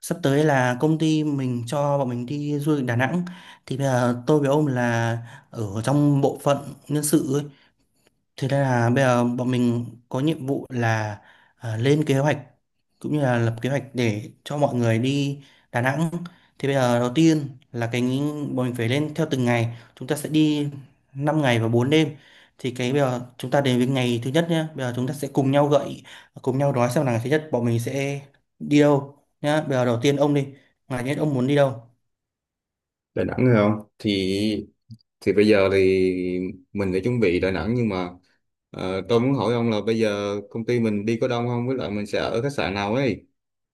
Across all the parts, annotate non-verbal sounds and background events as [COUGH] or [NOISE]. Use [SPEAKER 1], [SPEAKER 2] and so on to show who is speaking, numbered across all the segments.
[SPEAKER 1] Sắp tới là công ty mình cho bọn mình đi du lịch Đà Nẵng, thì bây giờ tôi với ông là ở trong bộ phận nhân sự ấy. Thế nên là bây giờ bọn mình có nhiệm vụ là lên kế hoạch, cũng như là lập kế hoạch để cho mọi người đi Đà Nẵng. Thì bây giờ đầu tiên là cái bọn mình phải lên theo từng ngày. Chúng ta sẽ đi 5 ngày và 4 đêm. Thì cái bây giờ chúng ta đến với ngày thứ nhất nhé. Bây giờ chúng ta sẽ cùng nhau cùng nhau nói xem là ngày thứ nhất bọn mình sẽ đi đâu nhá. Bây giờ đầu tiên ông đi. Ngày thứ nhất ông muốn đi đâu?
[SPEAKER 2] Đà Nẵng hay không thì bây giờ thì mình đã chuẩn bị Đà Nẵng nhưng mà tôi muốn hỏi ông là bây giờ công ty mình đi có đông không, với lại mình sẽ ở khách sạn nào ấy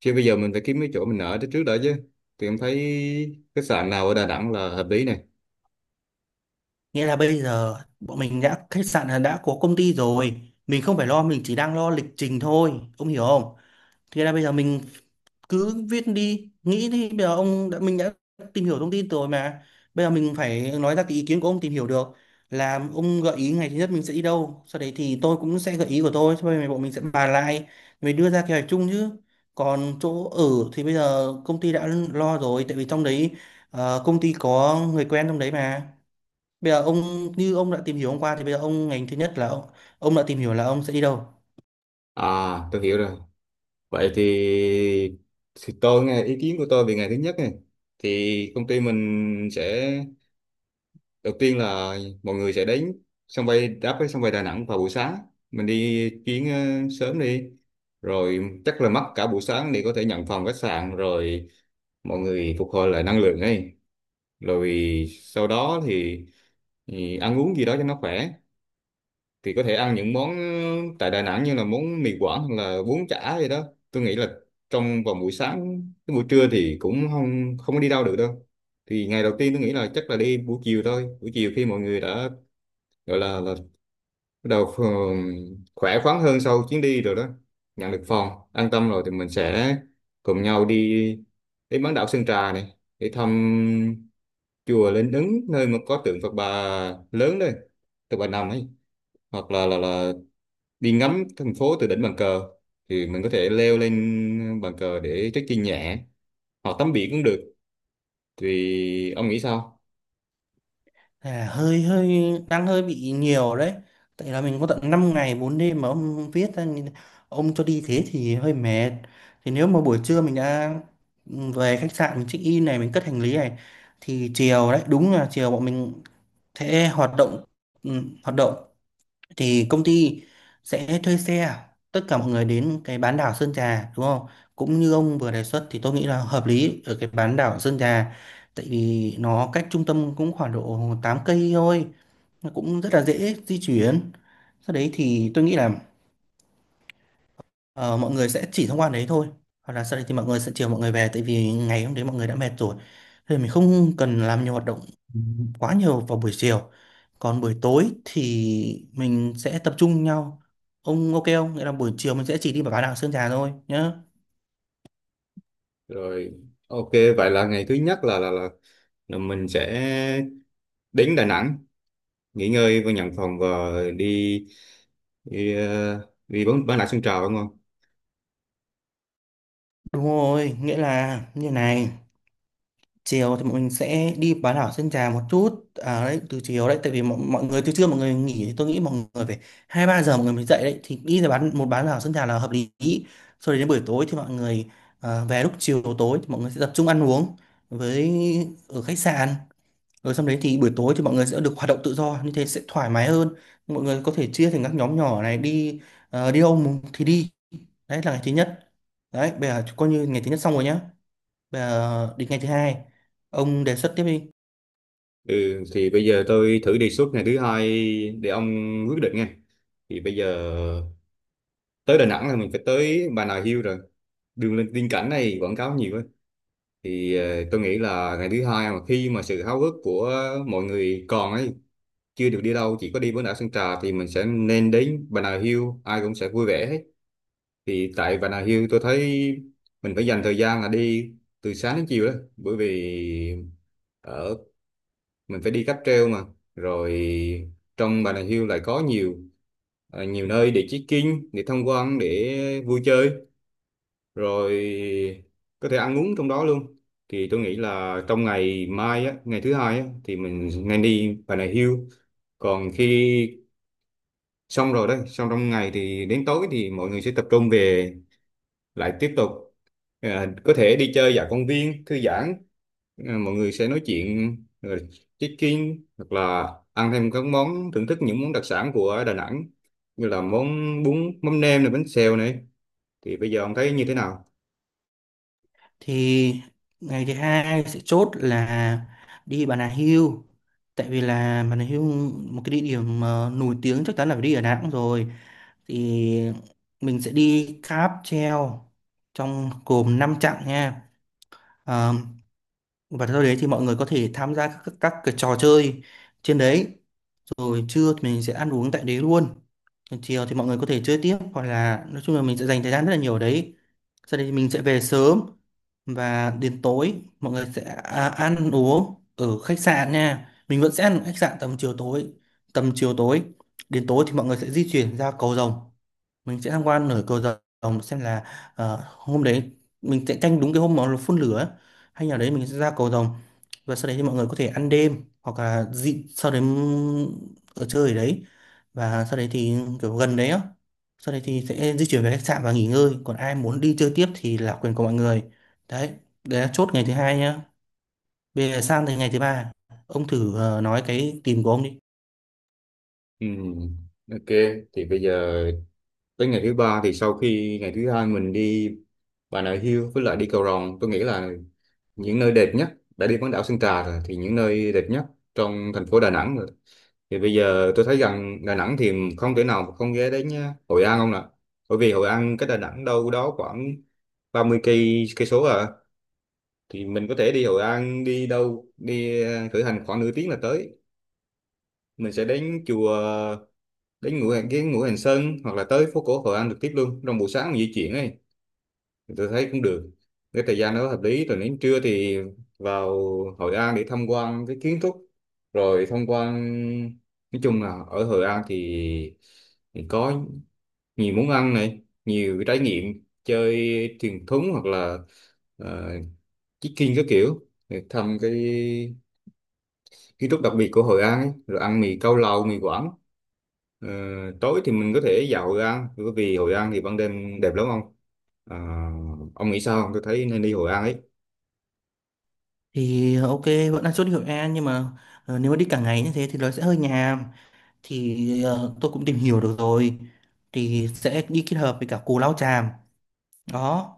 [SPEAKER 2] chứ. Bây giờ mình phải kiếm cái chỗ mình ở tới trước đã chứ, thì em thấy khách sạn nào ở Đà Nẵng là hợp lý này.
[SPEAKER 1] Nghĩa là bây giờ bọn mình đã khách sạn là đã có công ty rồi, mình không phải lo, mình chỉ đang lo lịch trình thôi, ông hiểu không? Thế là bây giờ mình cứ viết đi, nghĩ đi, bây giờ ông đã mình đã tìm hiểu thông tin rồi mà. Bây giờ mình phải nói ra cái ý kiến của ông tìm hiểu được, là ông gợi ý ngày thứ nhất mình sẽ đi đâu, sau đấy thì tôi cũng sẽ gợi ý của tôi, sau này bọn mình sẽ bàn lại, mình đưa ra kế hoạch chung chứ. Còn chỗ ở thì bây giờ công ty đã lo rồi, tại vì trong đấy công ty có người quen trong đấy mà. Bây giờ ông, như ông đã tìm hiểu hôm qua, thì bây giờ ông ngành thứ nhất là ông đã tìm hiểu là ông sẽ đi đâu.
[SPEAKER 2] À, tôi hiểu rồi. Vậy thì tôi nghe ý kiến của tôi về ngày thứ nhất này. Thì công ty mình sẽ, đầu tiên là mọi người sẽ đến sân bay, đáp với sân bay Đà Nẵng vào buổi sáng, mình đi chuyến sớm đi, rồi chắc là mất cả buổi sáng để có thể nhận phòng khách sạn, rồi mọi người phục hồi lại năng lượng ấy. Rồi sau đó thì ăn uống gì đó cho nó khỏe, thì có thể ăn những món tại Đà Nẵng như là món mì Quảng hoặc là bún chả gì đó. Tôi nghĩ là trong vào buổi sáng, cái buổi trưa thì cũng không không có đi đâu được đâu, thì ngày đầu tiên tôi nghĩ là chắc là đi buổi chiều thôi. Buổi chiều khi mọi người đã gọi là bắt đầu khỏe khoắn hơn sau chuyến đi rồi đó, nhận được phòng an tâm rồi, thì mình sẽ cùng nhau đi đến bán đảo Sơn Trà này để thăm chùa Linh Ứng, nơi mà có tượng Phật Bà lớn đây, Phật Bà nằm ấy, hoặc là đi ngắm thành phố từ đỉnh bàn cờ. Thì mình có thể leo lên bàn cờ để trekking nhẹ hoặc tắm biển cũng được. Thì ông nghĩ sao?
[SPEAKER 1] À, hơi hơi đang hơi bị nhiều đấy. Tại là mình có tận 5 ngày 4 đêm mà ông viết ra ông cho đi thế thì hơi mệt. Thì nếu mà buổi trưa mình đã về khách sạn mình check in này, mình cất hành lý này, thì chiều đấy, đúng là chiều bọn mình sẽ hoạt động, ừ, hoạt động thì công ty sẽ thuê xe tất cả mọi người đến cái bán đảo Sơn Trà, đúng không? Cũng như ông vừa đề xuất thì tôi nghĩ là hợp lý ở cái bán đảo Sơn Trà, tại vì nó cách trung tâm cũng khoảng độ 8 cây thôi, nó cũng rất là dễ di chuyển. Sau đấy thì tôi nghĩ là Ờ, mọi người sẽ chỉ thông qua đấy thôi, hoặc là sau đấy thì mọi người sẽ chiều mọi người về, tại vì ngày hôm đấy mọi người đã mệt rồi, thì mình không cần làm nhiều hoạt động quá nhiều vào buổi chiều. Còn buổi tối thì mình sẽ tập trung nhau. Ông ok không? Nghĩa là buổi chiều mình sẽ chỉ đi vào bán đảo Sơn Trà thôi nhá.
[SPEAKER 2] Rồi, ok. Vậy là ngày thứ nhất là mình sẽ đến Đà Nẵng, nghỉ ngơi và nhận phòng, và đi đi, ờ, đi bán lại sân trào, đúng không?
[SPEAKER 1] Đúng rồi, nghĩa là như này, chiều thì bọn mình sẽ đi bán đảo Sơn Trà một chút à đấy, từ chiều đấy, tại vì mọi người từ trưa mọi người nghỉ, thì tôi nghĩ mọi người phải hai ba giờ mọi người mới dậy đấy, thì đi ra bán một bán đảo Sơn Trà là hợp lý. Sau đấy đến buổi tối thì mọi người về, lúc chiều tối thì mọi người sẽ tập trung ăn uống với ở khách sạn. Rồi xong đấy thì buổi tối thì mọi người sẽ được hoạt động tự do, như thế sẽ thoải mái hơn, mọi người có thể chia thành các nhóm nhỏ này, đi đi đâu thì đi. Đấy là ngày thứ nhất. Đấy, bây giờ coi như ngày thứ nhất xong rồi nhá. Đến ngày thứ hai, ông đề xuất tiếp đi.
[SPEAKER 2] Ừ, thì bây giờ tôi thử đề xuất ngày thứ hai để ông quyết định nghe. Thì bây giờ, tới Đà Nẵng là mình phải tới Bà Nà Hills rồi. Đường lên tiên cảnh này quảng cáo nhiều ấy. Thì tôi nghĩ là ngày thứ hai, mà khi mà sự háo hức của mọi người còn ấy, chưa được đi đâu chỉ có đi bán đảo Sơn Trà, thì mình sẽ nên đến Bà Nà Hills, ai cũng sẽ vui vẻ hết. Thì tại Bà Nà Hills tôi thấy mình phải dành thời gian là đi từ sáng đến chiều đó, bởi vì ở mình phải đi cáp treo mà. Rồi trong Bà Nà Hills lại có nhiều, nhiều nơi để check-in, để tham quan, để vui chơi, rồi có thể ăn uống trong đó luôn. Thì tôi nghĩ là trong ngày mai á, ngày thứ hai á, thì mình nên đi Bà Nà Hills. Còn khi xong rồi đấy, xong trong ngày thì đến tối thì mọi người sẽ tập trung về, lại tiếp tục, à, có thể đi chơi dạo công viên thư giãn, à, mọi người sẽ nói chuyện, rồi check-in hoặc là ăn thêm các món, thưởng thức những món đặc sản của Đà Nẵng như là món bún mắm nem này, bánh xèo này. Thì bây giờ ông thấy như thế nào?
[SPEAKER 1] Thì ngày thứ hai sẽ chốt là đi Bà Nà Hills, tại vì là Bà Nà Hills một cái địa điểm nổi tiếng, chắc chắn là phải đi ở Đà Nẵng rồi. Thì mình sẽ đi cáp treo trong gồm 5 chặng nha. Ờ, và sau đấy thì mọi người có thể tham gia các cái trò chơi trên đấy. Rồi trưa thì mình sẽ ăn uống tại đấy luôn, chiều thì mọi người có thể chơi tiếp, hoặc là nói chung là mình sẽ dành thời gian rất là nhiều ở đấy. Sau đấy mình sẽ về sớm, và đến tối mọi người sẽ ăn uống ở khách sạn nha, mình vẫn sẽ ăn ở khách sạn tầm chiều tối. Đến tối thì mọi người sẽ di chuyển ra cầu rồng, mình sẽ tham quan nổi cầu rồng, xem là hôm đấy mình sẽ canh đúng cái hôm mà phun lửa ấy. Hay là đấy, mình sẽ ra cầu rồng, và sau đấy thì mọi người có thể ăn đêm, hoặc là dị sau đấy ở chơi ở đấy, và sau đấy thì kiểu gần đấy á, sau đấy thì sẽ di chuyển về khách sạn và nghỉ ngơi, còn ai muốn đi chơi tiếp thì là quyền của mọi người. Đấy, đấy là chốt ngày thứ hai nhá. Bây giờ sang tới ngày thứ ba, ông thử nói cái tìm của ông đi.
[SPEAKER 2] Ừm, ok, thì bây giờ tới ngày thứ ba, thì sau khi ngày thứ hai mình đi Bà Nà Hills với lại đi Cầu Rồng, tôi nghĩ là những nơi đẹp nhất, đã đi bán đảo Sơn Trà rồi, thì những nơi đẹp nhất trong thành phố Đà Nẵng rồi. Thì bây giờ tôi thấy rằng Đà Nẵng thì không thể nào mà không ghé đến nhá. Hội An không nè. Bởi vì Hội An cách Đà Nẵng đâu đó khoảng 30 cây cây số à, thì mình có thể đi Hội An, đi đâu đi khởi hành khoảng nửa tiếng là tới. Mình sẽ đến chùa, đến Ngũ Hành, cái Ngũ Hành Sơn, hoặc là tới phố cổ Hội An trực tiếp luôn trong buổi sáng mình di chuyển ấy. Tôi thấy cũng được, cái thời gian đó hợp lý. Rồi đến trưa thì vào Hội An để tham quan cái kiến trúc, rồi tham quan. Nói chung là ở Hội An thì có nhiều món ăn này, nhiều cái trải nghiệm chơi thuyền thúng, hoặc là uh, trekking các kiểu để thăm cái kiến trúc đặc biệt của Hội An ấy, rồi ăn mì cao lầu, mì Quảng. Ờ, Tối thì mình có thể dạo Hội An, bởi vì Hội An thì ban đêm đẹp lắm ông. À, ông nghĩ sao không? Tôi thấy nên đi Hội An ấy.
[SPEAKER 1] Thì ok, vẫn là chốt hiệu E, nhưng mà nếu mà đi cả ngày như thế thì nó sẽ hơi nhàm. Thì tôi cũng tìm hiểu được rồi, thì sẽ đi kết hợp với cả Cù Lao Chàm đó.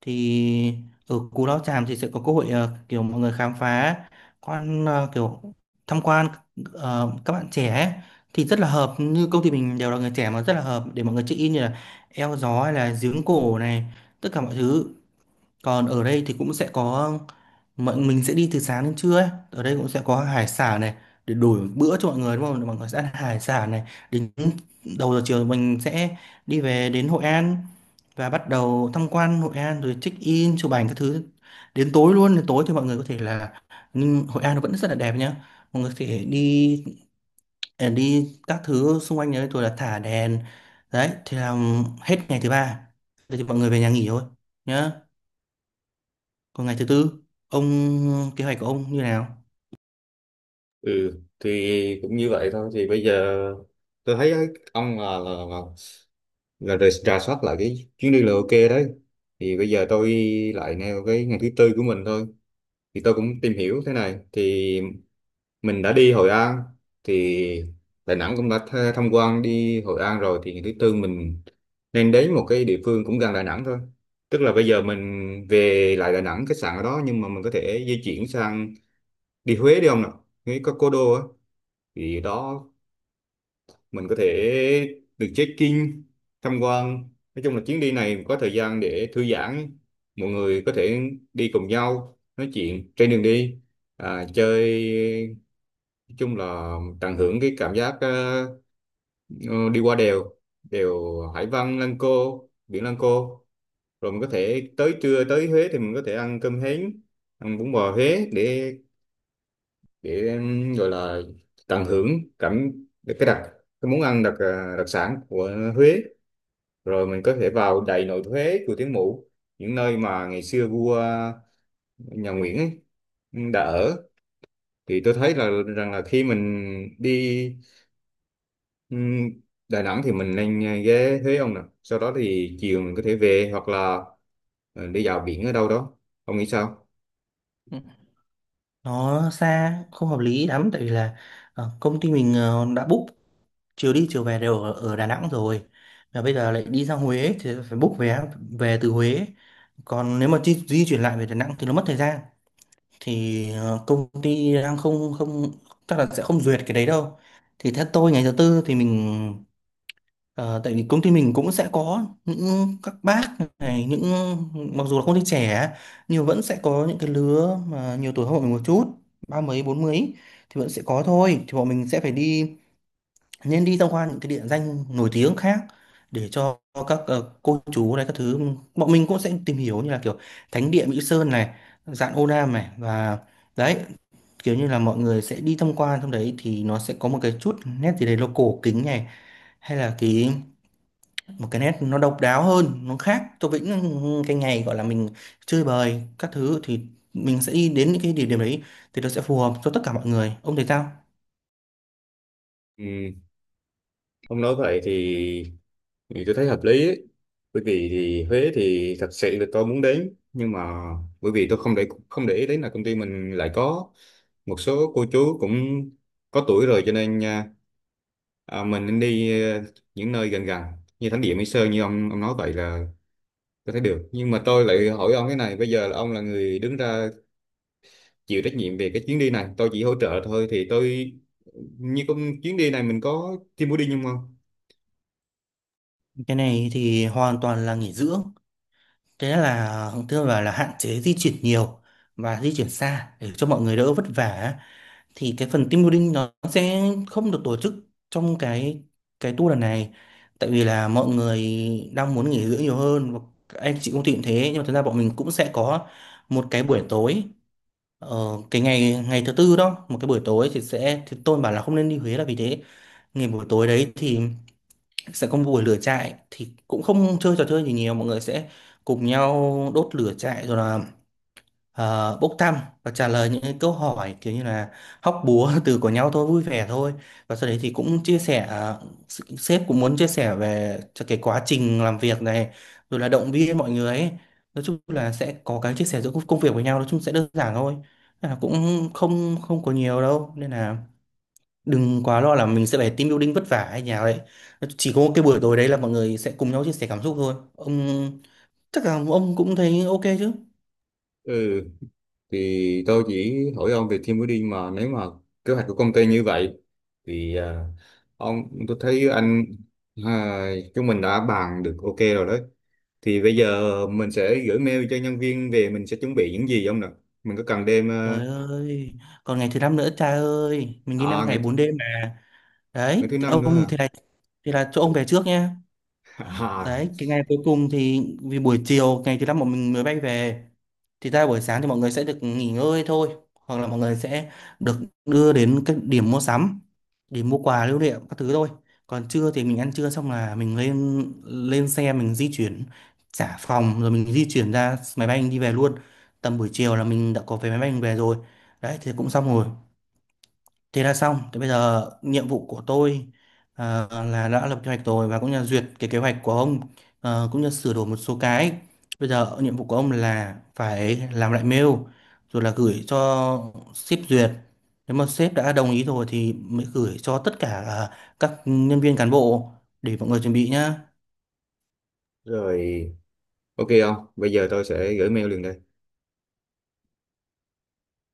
[SPEAKER 1] Thì ở Cù Lao Chàm thì sẽ có cơ hội kiểu mọi người khám phá kiểu tham quan các bạn trẻ ấy. Thì rất là hợp, như công ty mình đều là người trẻ mà, rất là hợp để mọi người check in như là eo gió hay là giếng cổ này, tất cả mọi thứ. Còn ở đây thì cũng sẽ có, mình sẽ đi từ sáng đến trưa ấy. Ở đây cũng sẽ có hải sản này để đổi bữa cho mọi người đúng không? Mọi người sẽ ăn hải sản này, đến đầu giờ chiều mình sẽ đi về đến Hội An, và bắt đầu tham quan Hội An rồi check in chụp ảnh các thứ đến tối luôn. Đến tối thì mọi người có thể là, nhưng Hội An nó vẫn rất là đẹp nhá, mọi người có thể đi các thứ xung quanh đấy rồi là thả đèn. Đấy thì làm hết ngày thứ ba. Thế thì mọi người về nhà nghỉ thôi nhá. Còn ngày thứ tư, ông kế hoạch của ông như nào?
[SPEAKER 2] Ừ, thì cũng như vậy thôi. Thì bây giờ tôi thấy ấy, ông là rà rà soát lại cái chuyến đi là ok đấy. Thì bây giờ tôi lại nêu cái ngày thứ tư của mình thôi. Thì tôi cũng tìm hiểu thế này. Thì mình đã đi Hội An thì Đà Nẵng cũng đã tham quan, đi Hội An rồi, thì ngày thứ tư mình nên đến một cái địa phương cũng gần Đà Nẵng thôi, tức là bây giờ mình về lại Đà Nẵng, khách sạn ở đó, nhưng mà mình có thể di chuyển sang, đi Huế đi không nào. Huế có Cố đô á, thì đó mình có thể được check-in, tham quan. Nói chung là chuyến đi này có thời gian để thư giãn, mọi người có thể đi cùng nhau nói chuyện trên đường đi, à, chơi. Nói chung là tận hưởng cái cảm giác ờ, đi qua đèo, đèo Hải Vân, Lăng Cô, biển Lăng Cô, rồi mình có thể tới trưa tới Huế thì mình có thể ăn cơm hến, ăn bún bò Huế để gọi là tận hưởng cảm cái đặc cái món ăn đặc đặc sản của Huế. Rồi mình có thể vào Đại Nội Huế, Chùa Thiên Mụ, những nơi mà ngày xưa vua nhà Nguyễn ấy, đã ở. Thì tôi thấy là rằng là khi mình đi, Ừm, Đà Nẵng thì mình nên ghé Huế ông nè, sau đó thì chiều mình có thể về hoặc là đi dạo biển ở đâu đó. Ông nghĩ sao?
[SPEAKER 1] Ừ. Nó xa, không hợp lý lắm, tại vì là công ty mình đã book chiều đi chiều về đều ở Đà Nẵng rồi. Và bây giờ lại đi ra Huế thì phải book vé về từ Huế. Còn nếu mà di chuyển lại về Đà Nẵng thì nó mất thời gian. Thì công ty đang không không chắc là sẽ không duyệt cái đấy đâu. Thì theo tôi ngày thứ tư thì mình, Ờ, tại vì công ty mình cũng sẽ có những các bác này, những, mặc dù là không thích trẻ nhưng vẫn sẽ có những cái lứa mà nhiều tuổi hơn bọn mình một chút, ba mấy bốn mấy, thì vẫn sẽ có thôi, thì bọn mình sẽ phải đi, nên đi tham quan những cái địa danh nổi tiếng khác, để cho các cô chú này các thứ. Bọn mình cũng sẽ tìm hiểu như là kiểu thánh địa Mỹ Sơn này, Dạn Ô Nam này, và đấy, kiểu như là mọi người sẽ đi tham quan trong đấy thì nó sẽ có một cái chút nét gì đấy local kính này, hay là cái một cái nét nó độc đáo hơn, nó khác Tô Vĩnh, cái ngày gọi là mình chơi bời các thứ thì mình sẽ đi đến những cái địa điểm đấy, thì nó sẽ phù hợp cho tất cả mọi người. Ông thấy sao?
[SPEAKER 2] Ừm, ông nói vậy thì tôi thấy hợp lý ấy. Bởi vì thì Huế thì thật sự là tôi muốn đến, nhưng mà bởi vì tôi không không để ý đến là công ty mình lại có một số cô chú cũng có tuổi rồi, cho nên mình nên đi những nơi gần gần như thánh địa Mỹ Sơn, như ông nói vậy là tôi thấy được. Nhưng mà tôi lại hỏi ông cái này, bây giờ là ông là người đứng ra chịu trách nhiệm về cái chuyến đi này, tôi chỉ hỗ trợ thôi, thì tôi như con chuyến đi này mình có team building không không?
[SPEAKER 1] Cái này thì hoàn toàn là nghỉ dưỡng, thế là tức là, hạn chế di chuyển nhiều và di chuyển xa, để cho mọi người đỡ vất vả. Thì cái phần team building nó sẽ không được tổ chức trong cái tour lần này, tại vì là mọi người đang muốn nghỉ dưỡng nhiều hơn, và các anh chị công ty cũng thế. Nhưng mà thực ra bọn mình cũng sẽ có một cái buổi tối, cái ngày ngày thứ tư đó, một cái buổi tối thì sẽ, thì tôi bảo là không nên đi Huế là vì thế. Ngày buổi tối đấy thì sẽ có một buổi lửa trại, thì cũng không chơi trò chơi gì nhiều, mọi người sẽ cùng nhau đốt lửa trại, rồi là bốc thăm và trả lời những cái câu hỏi kiểu như là hóc búa [LAUGHS] từ của nhau thôi, vui vẻ thôi. Và sau đấy thì cũng chia sẻ, sếp cũng muốn chia sẻ về cho cái quá trình làm việc này, rồi là động viên mọi người ấy. Nói chung là sẽ có cái chia sẻ giữa công công việc với nhau, nói chung sẽ đơn giản thôi. Nên là cũng không không có nhiều đâu, nên là đừng quá lo là mình sẽ phải team building vất vả hay nhà vậy. Chỉ có cái buổi tối đấy là mọi người sẽ cùng nhau chia sẻ cảm xúc thôi ông, chắc là ông cũng thấy ok chứ.
[SPEAKER 2] Ừ, thì tôi chỉ hỏi ông về team building, mà nếu mà kế hoạch của công ty như vậy thì, à, ông tôi thấy anh, à, chúng mình đã bàn được ok rồi đấy. Thì bây giờ mình sẽ gửi mail cho nhân viên về mình sẽ chuẩn bị những gì ông nè. Mình có cần đem
[SPEAKER 1] Trời ơi, còn ngày thứ năm nữa cha ơi, mình đi 5
[SPEAKER 2] à,
[SPEAKER 1] ngày 4 đêm mà. Đấy,
[SPEAKER 2] ngày thứ năm nữa
[SPEAKER 1] ông
[SPEAKER 2] à?
[SPEAKER 1] thì là chỗ ông về trước nhé.
[SPEAKER 2] [LAUGHS] À,
[SPEAKER 1] Đấy, cái ngày cuối cùng thì vì buổi chiều ngày thứ năm bọn mình mới bay về. Thì ra buổi sáng thì mọi người sẽ được nghỉ ngơi thôi, hoặc là mọi người sẽ được đưa đến các điểm mua sắm để mua quà lưu niệm các thứ thôi. Còn trưa thì mình ăn trưa xong là mình lên lên xe, mình di chuyển trả phòng, rồi mình di chuyển ra máy bay mình đi về luôn. Tầm buổi chiều là mình đã có vé máy bay mình về rồi. Đấy thì cũng xong rồi. Thế là xong. Thế bây giờ nhiệm vụ của tôi là đã lập kế hoạch rồi, và cũng như là duyệt cái kế hoạch của ông, cũng như sửa đổi một số cái. Bây giờ nhiệm vụ của ông là phải làm lại mail rồi là gửi cho sếp duyệt. Nếu mà sếp đã đồng ý rồi thì mới gửi cho tất cả các nhân viên cán bộ để mọi người chuẩn bị nhá.
[SPEAKER 2] rồi, ok không, bây giờ tôi sẽ gửi mail liền đây.